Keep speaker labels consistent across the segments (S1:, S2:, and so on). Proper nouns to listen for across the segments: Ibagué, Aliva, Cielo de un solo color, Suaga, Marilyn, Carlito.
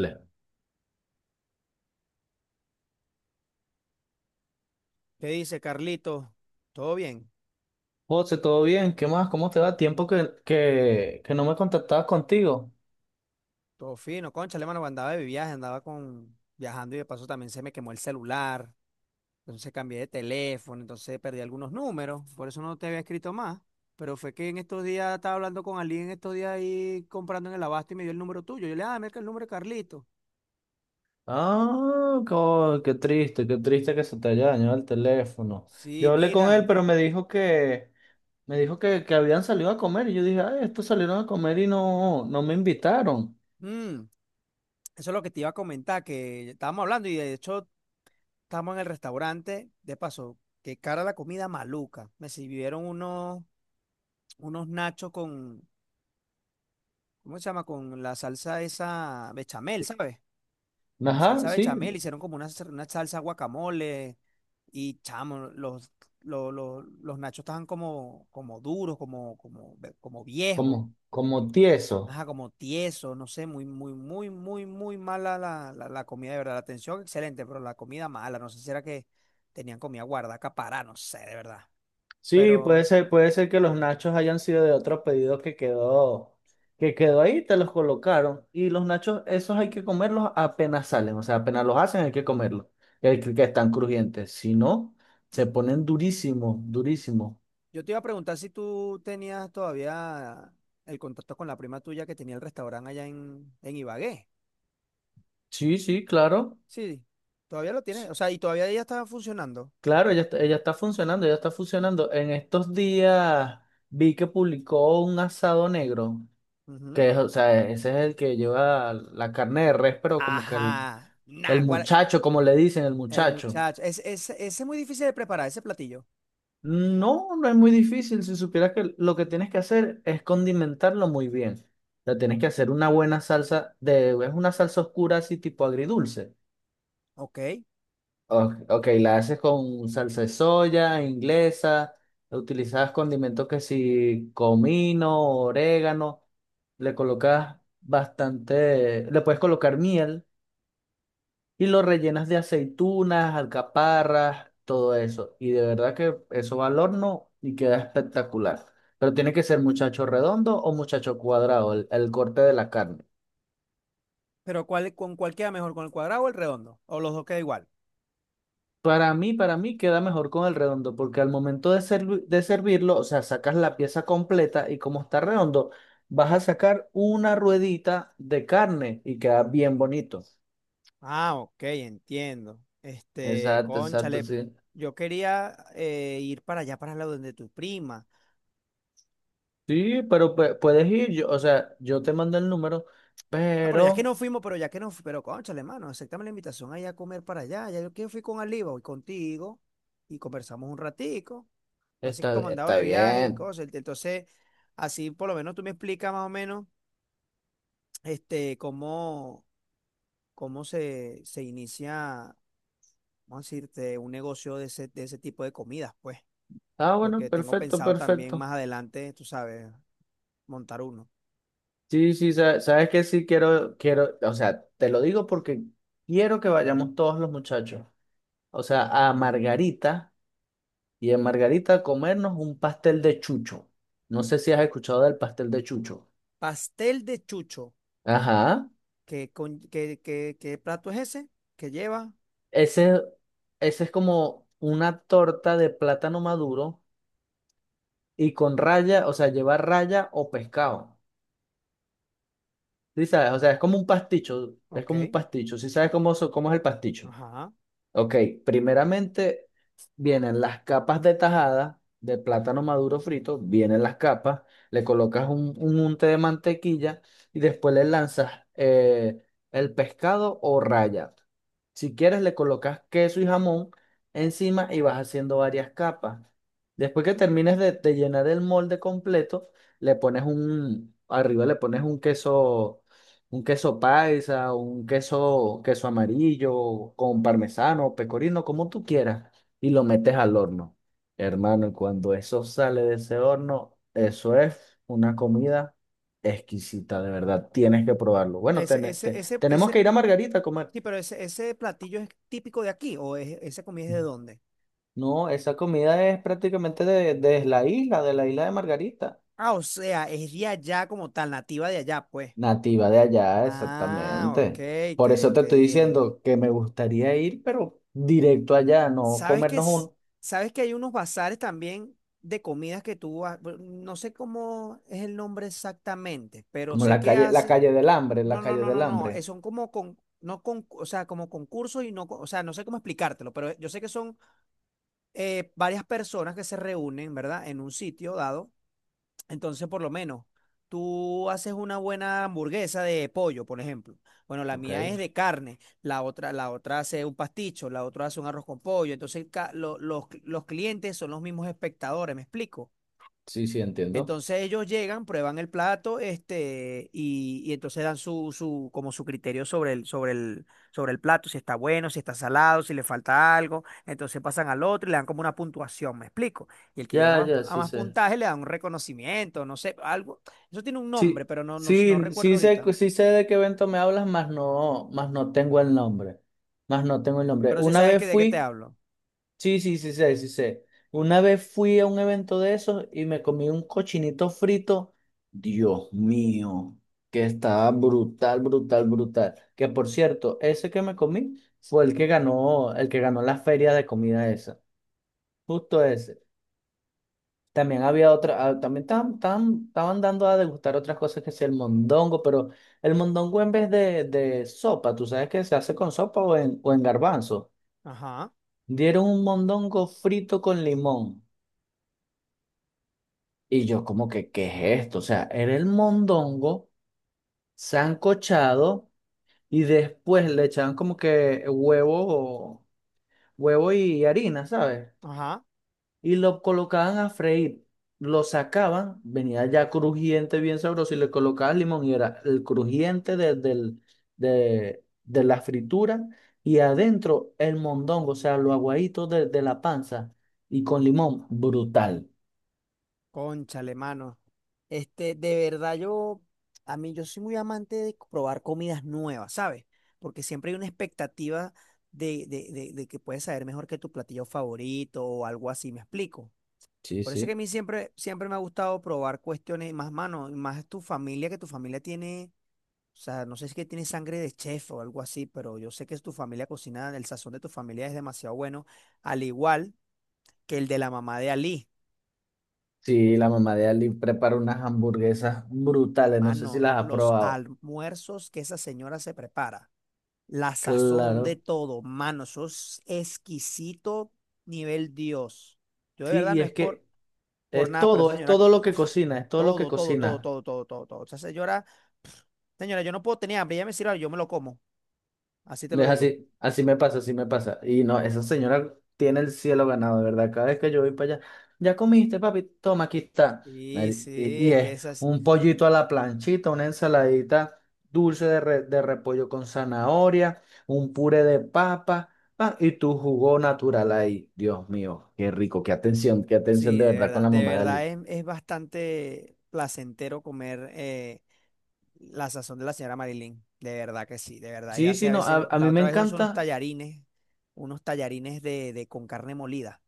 S1: Vale.
S2: ¿Qué dice Carlito? ¿Todo bien?
S1: José, ¿todo bien? ¿Qué más? ¿Cómo te
S2: ¿Cómo-
S1: va? Tiempo que no me contactabas contigo.
S2: Todo fino. Concha, hermano, andaba de viaje, andaba con viajando y de paso también se me quemó el celular. Entonces cambié de teléfono, entonces perdí algunos números. Por eso no te había escrito más. Pero fue que en estos días estaba hablando con alguien en estos días ahí comprando en el abasto y me dio el número tuyo. Yo le dije, ah, mira que el número de Carlito.
S1: Ah, qué triste que se te haya dañado el teléfono.
S2: Sí,
S1: Yo hablé con él,
S2: mira.
S1: pero me dijo que habían salido a comer. Y yo dije, ay, estos salieron a comer y no me invitaron.
S2: Mm, eso es lo que te iba a comentar, que estábamos hablando y de hecho estábamos en el restaurante. De paso, qué cara la comida maluca. Me sirvieron unos nachos con, ¿cómo se llama? Con la salsa esa bechamel, ¿sabes? Con
S1: Ajá,
S2: salsa
S1: sí,
S2: bechamel, hicieron como una salsa guacamole. Y chamo, los nachos estaban como duros, como viejos,
S1: como tieso.
S2: ajá, como tiesos, no sé, muy, muy, muy, muy, muy mala la comida, de verdad. La atención excelente, pero la comida mala, no sé si era que tenían comida guardada, acaparada, no sé, de verdad.
S1: Sí,
S2: Pero...
S1: puede ser que los nachos hayan sido de otro pedido que quedó ahí, te los colocaron. Y los nachos, esos hay que comerlos apenas salen, o sea, apenas los hacen hay que comerlos, que están crujientes. Si no, se ponen durísimos, durísimos.
S2: Yo te iba a preguntar si tú tenías todavía el contacto con la prima tuya que tenía el restaurante allá en Ibagué.
S1: Sí, sí, claro.
S2: Sí, todavía lo tienes.
S1: Sí,
S2: O sea, y todavía ella estaba funcionando.
S1: claro, ella está funcionando. En estos días vi que publicó un asado negro,
S2: Ujú.
S1: que es, o sea, ese es el que lleva la carne de res, pero como que el
S2: Ajá.
S1: El
S2: Naguará,
S1: Muchacho, como le dicen, el
S2: el
S1: muchacho.
S2: muchacho. Ese es muy difícil de preparar, ese platillo.
S1: No, no es muy difícil. Si supieras que lo que tienes que hacer es condimentarlo muy bien. O sea, tienes que hacer una buena salsa de, es una salsa oscura así tipo agridulce.
S2: Ok.
S1: Ok, la haces con salsa de soya, inglesa, utilizas condimentos que si comino, orégano, le colocas bastante, le puedes colocar miel. Y lo rellenas de aceitunas, alcaparras, todo eso. Y de verdad que eso va al horno y queda espectacular. Pero tiene que ser muchacho redondo o muchacho cuadrado, el corte de la carne.
S2: Pero ¿ con cuál queda mejor? ¿Con el cuadrado o el redondo? ¿O los dos queda igual?
S1: Para mí queda mejor con el redondo, porque al momento de, de servirlo, o sea, sacas la pieza completa y como está redondo, vas a sacar una ruedita de carne y queda bien bonito.
S2: Ah, ok, entiendo. Este,
S1: Exacto, exacto,
S2: cónchale,
S1: sí.
S2: yo quería ir para allá, para el lado de tu prima.
S1: Sí, pero puedes ir, yo, o sea, yo te mando el número,
S2: Ah, pero ya que
S1: pero...
S2: no fuimos, pero ya que no, pero cónchale, mano, aceptame la invitación ahí a comer para allá. Ya yo que fui con Aliva y contigo y conversamos un ratico. Así que
S1: Está,
S2: como andaba
S1: está
S2: de viaje y
S1: bien.
S2: cosas. Entonces, así por lo menos tú me explicas más o menos este, cómo se inicia, vamos a decirte, un negocio de ese tipo de comidas, pues.
S1: Ah, bueno,
S2: Porque tengo
S1: perfecto,
S2: pensado también
S1: perfecto.
S2: más adelante, tú sabes, montar uno.
S1: Sí, sí, sabes que sí quiero, o sea, te lo digo porque quiero que vayamos todos los muchachos, o sea, a Margarita y en Margarita a comernos un pastel de chucho. No sé si has escuchado del pastel de chucho.
S2: Pastel de chucho.
S1: Ajá.
S2: ¿Qué plato es ese? ¿Qué lleva?
S1: Ese, ese es como una torta de plátano maduro y con raya, o sea, lleva raya o pescado. Sí, sabes, o sea, es como un pasticho, es
S2: Ok.
S1: como un pasticho. Sí, sabes cómo, cómo es el pasticho.
S2: Ajá.
S1: Ok, primeramente vienen las capas de tajada de plátano maduro frito, vienen las capas, le colocas un unte de mantequilla y después le lanzas el pescado o raya. Si quieres, le colocas queso y jamón encima y vas haciendo varias capas. Después que termines de llenar el molde completo, le pones un, arriba le pones un queso, un queso paisa, un queso, queso amarillo, con parmesano, pecorino, como tú quieras, y lo metes al horno. Hermano, y cuando eso sale de ese horno, eso es una comida exquisita, de verdad. Tienes que probarlo. Bueno,
S2: Ese, ese, ese,
S1: tenemos que
S2: ese,
S1: ir a Margarita a comer.
S2: sí, pero ese platillo es típico de aquí, o ¿esa comida es de dónde?
S1: No, esa comida es prácticamente de la isla, de la isla de Margarita.
S2: Ah, o sea, es de allá como tal, nativa de allá, pues.
S1: Nativa de allá,
S2: Ah, ok,
S1: exactamente. Por eso
S2: qué,
S1: te
S2: qué
S1: estoy
S2: bien.
S1: diciendo que me gustaría ir, pero directo allá, no
S2: ¿Sabes que,
S1: comernos
S2: es-
S1: un,
S2: sabes que hay unos bazares también de comidas que tú, no sé cómo es el nombre exactamente, pero
S1: como
S2: sé que
S1: la
S2: hacen,
S1: calle del hambre, la
S2: no, no,
S1: calle
S2: no,
S1: del
S2: no, no,
S1: hambre
S2: son como con, no con, o sea, como concursos y no, o sea, no sé cómo explicártelo, pero yo sé que son varias personas que se reúnen, ¿verdad? En un sitio dado. Entonces, por lo menos, tú haces una buena hamburguesa de pollo, por ejemplo. Bueno, la
S1: Ok,
S2: mía es de carne, la otra hace un pasticho, la otra hace un arroz con pollo. Entonces, los clientes son los mismos espectadores, ¿me explico?
S1: sí, sí, entiendo.
S2: Entonces ellos llegan, prueban el plato, este, y entonces dan su criterio sobre el plato, si está bueno, si está salado, si le falta algo. Entonces pasan al otro y le dan como una puntuación, ¿me explico? Y el que llega
S1: Ya,
S2: a más,
S1: ya,
S2: a
S1: sí
S2: más
S1: sé.
S2: puntaje le dan un reconocimiento, no sé, algo. Eso tiene un nombre,
S1: Sí,
S2: pero no
S1: sí,
S2: recuerdo ahorita.
S1: sí sé de qué evento me hablas, más no tengo el nombre. Más no tengo el nombre.
S2: Pero sí
S1: Una
S2: sabes
S1: vez
S2: que de qué te
S1: fui.
S2: hablo.
S1: Sí, sí, sí sé, sí sé. Una vez fui a un evento de esos y me comí un cochinito frito. Dios mío, que estaba brutal, brutal, brutal. Que por cierto, ese que me comí fue el que ganó la feria de comida esa. Justo ese. También había otra, ah, también estaban dando a degustar otras cosas que sea el mondongo, pero el mondongo en vez de, sopa. ¿Tú sabes que se hace con sopa o en garbanzo?
S2: Ajá,
S1: Dieron un mondongo frito con limón. Y yo como que, ¿qué es esto? O sea, era el mondongo sancochado y después le echaban como que huevo, huevo y harina, ¿sabes?
S2: ajá.
S1: Y lo colocaban a freír, lo sacaban, venía ya crujiente, bien sabroso, y le colocaban limón y era el crujiente de la fritura y adentro el mondongo, o sea, lo aguadito de la panza y con limón, brutal.
S2: Cónchale, mano. Este, de verdad, yo, a mí, yo soy muy amante de probar comidas nuevas, ¿sabes? Porque siempre hay una expectativa de que puedes saber mejor que tu platillo favorito o algo así, ¿me explico?
S1: Sí,
S2: Por eso es que a
S1: sí.
S2: mí siempre, siempre me ha gustado probar cuestiones más, mano, y más tu familia, que tu familia tiene, o sea, no sé si es que tiene sangre de chef o algo así, pero yo sé que tu familia cocina, el sazón de tu familia es demasiado bueno, al igual que el de la mamá de Ali.
S1: Sí, la mamá de Ali prepara unas hamburguesas brutales, no sé si
S2: Mano,
S1: las ha
S2: los
S1: probado.
S2: almuerzos que esa señora se prepara, la sazón de
S1: Claro.
S2: todo, mano, eso es exquisito nivel Dios. Yo de
S1: Sí,
S2: verdad
S1: y
S2: no es
S1: es
S2: por,
S1: que
S2: por nada, pero esa
S1: es
S2: señora,
S1: todo lo que
S2: uf,
S1: cocina, es todo lo que
S2: todo, todo, todo,
S1: cocina
S2: todo, todo, todo, todo. Esa señora, pf, señora, yo no puedo tener hambre, ella me sirve, algo, yo me lo como, así te lo
S1: Es
S2: digo.
S1: así, así me pasa, así me pasa. Y no, esa señora tiene el cielo ganado, de verdad. Cada vez que yo voy para allá, ya comiste, papi, toma, aquí está.
S2: Sí,
S1: Mari-
S2: sí,
S1: Y, y
S2: es que
S1: es
S2: esas,
S1: un pollito a la planchita, una ensaladita dulce de, de repollo con zanahoria, un puré de papa, ah, y tu jugo natural ahí. Dios mío, qué rico, qué atención
S2: sí,
S1: de verdad con la
S2: de
S1: mamá de
S2: verdad
S1: Ali.
S2: es bastante placentero comer. La sazón de la señora Marilyn, de verdad que sí, de verdad.
S1: Sí,
S2: Ella hace
S1: sí,
S2: a
S1: no,
S2: veces,
S1: a
S2: la
S1: mí me
S2: otra vez uso unos
S1: encanta,
S2: tallarines, unos tallarines con carne molida.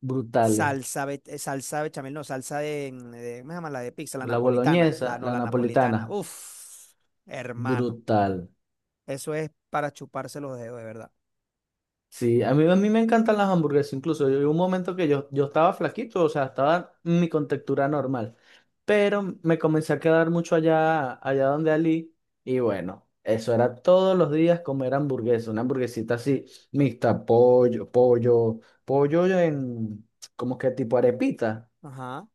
S1: brutales.
S2: Salsa bechamel, no, salsa de, ¿cómo se llama? La de pizza, la
S1: La
S2: napolitana, la
S1: boloñesa,
S2: no,
S1: la
S2: la
S1: napolitana,
S2: napolitana. Uf, hermano,
S1: brutal.
S2: eso es para chuparse los dedos, de verdad.
S1: Sí, a mí me encantan las hamburguesas, incluso hubo un momento que yo estaba flaquito, o sea, estaba en mi contextura normal, pero me comencé a quedar mucho allá, donde Ali, y bueno, eso era todos los días comer hamburguesa, una hamburguesita así, mixta, pollo en, como que tipo arepita,
S2: Ajá.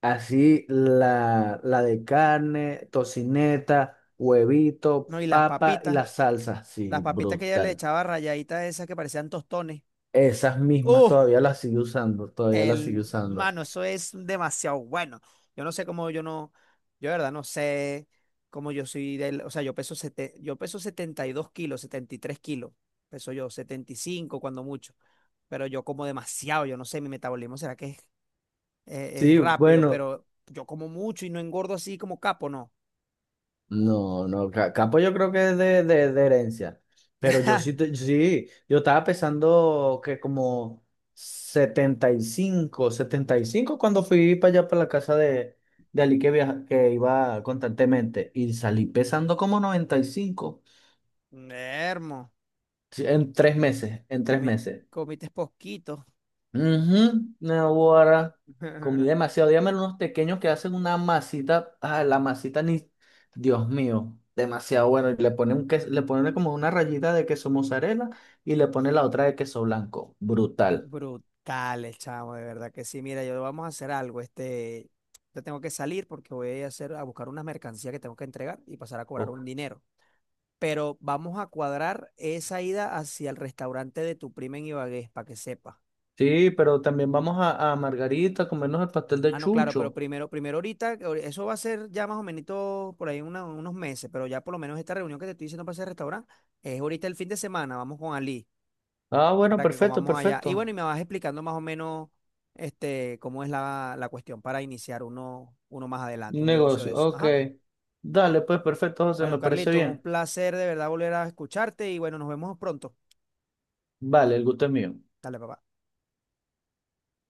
S1: así la de carne, tocineta, huevito,
S2: No, y las
S1: papa y
S2: papitas,
S1: la salsa,
S2: las
S1: sí,
S2: papitas que ella le
S1: brutal.
S2: echaba rayaditas esas que parecían tostones.
S1: Esas mismas
S2: ¡Uh!
S1: todavía las sigue usando, todavía las sigue usando.
S2: Mano, eso es demasiado bueno. Yo no sé cómo yo no, yo de verdad no sé cómo yo soy del, o sea, yo peso, yo peso 72 kilos, 73 kilos, peso yo 75 cuando mucho, pero yo como demasiado, yo no sé, mi metabolismo será que es
S1: Sí,
S2: rápido,
S1: bueno,
S2: pero yo como mucho y no engordo así como capo, no.
S1: no, no, ca- Capo yo creo que es de herencia, pero yo sí, sí, yo estaba pensando que como setenta y cinco cuando fui para allá, para la casa de Ali que, viaja, que iba constantemente y salí pesando como 95,
S2: Hermo,
S1: sí, en 3 meses, en tres
S2: comite,
S1: meses.
S2: comites poquitos.
S1: Ujú, Naguará. Comí demasiado. Dígame unos pequeños que hacen una masita. Ah, la masita ni. Dios mío, demasiado bueno. Y le ponen un le ponen como una rayita de queso mozzarella y le ponen la otra de queso blanco. Brutal.
S2: Brutales, chamo, de verdad que sí. Mira, yo vamos a hacer algo. Este, yo tengo que salir porque voy a hacer, a buscar unas mercancías que tengo que entregar y pasar a cobrar un
S1: Uf.
S2: dinero. Pero vamos a cuadrar esa ida hacia el restaurante de tu prima en Ibagué, para que sepa.
S1: Sí, pero también vamos a Margarita a comernos el pastel de
S2: Ah, no, claro, pero
S1: chucho.
S2: primero ahorita, eso va a ser ya más o menos por ahí unos meses, pero ya por lo menos esta reunión que te estoy diciendo para ese restaurante es ahorita el fin de semana. Vamos con Ali
S1: Ah, bueno,
S2: para que
S1: perfecto,
S2: comamos allá. Y bueno,
S1: perfecto.
S2: y me vas explicando más o menos este, cómo es la cuestión para iniciar uno, más adelante, un negocio de
S1: Negocio,
S2: eso.
S1: ok.
S2: Ajá.
S1: Dale, pues perfecto, José,
S2: Bueno,
S1: me parece
S2: Carlitos, un
S1: bien.
S2: placer de verdad volver a escucharte y bueno, nos vemos pronto.
S1: Vale, el gusto es mío.
S2: Dale, papá.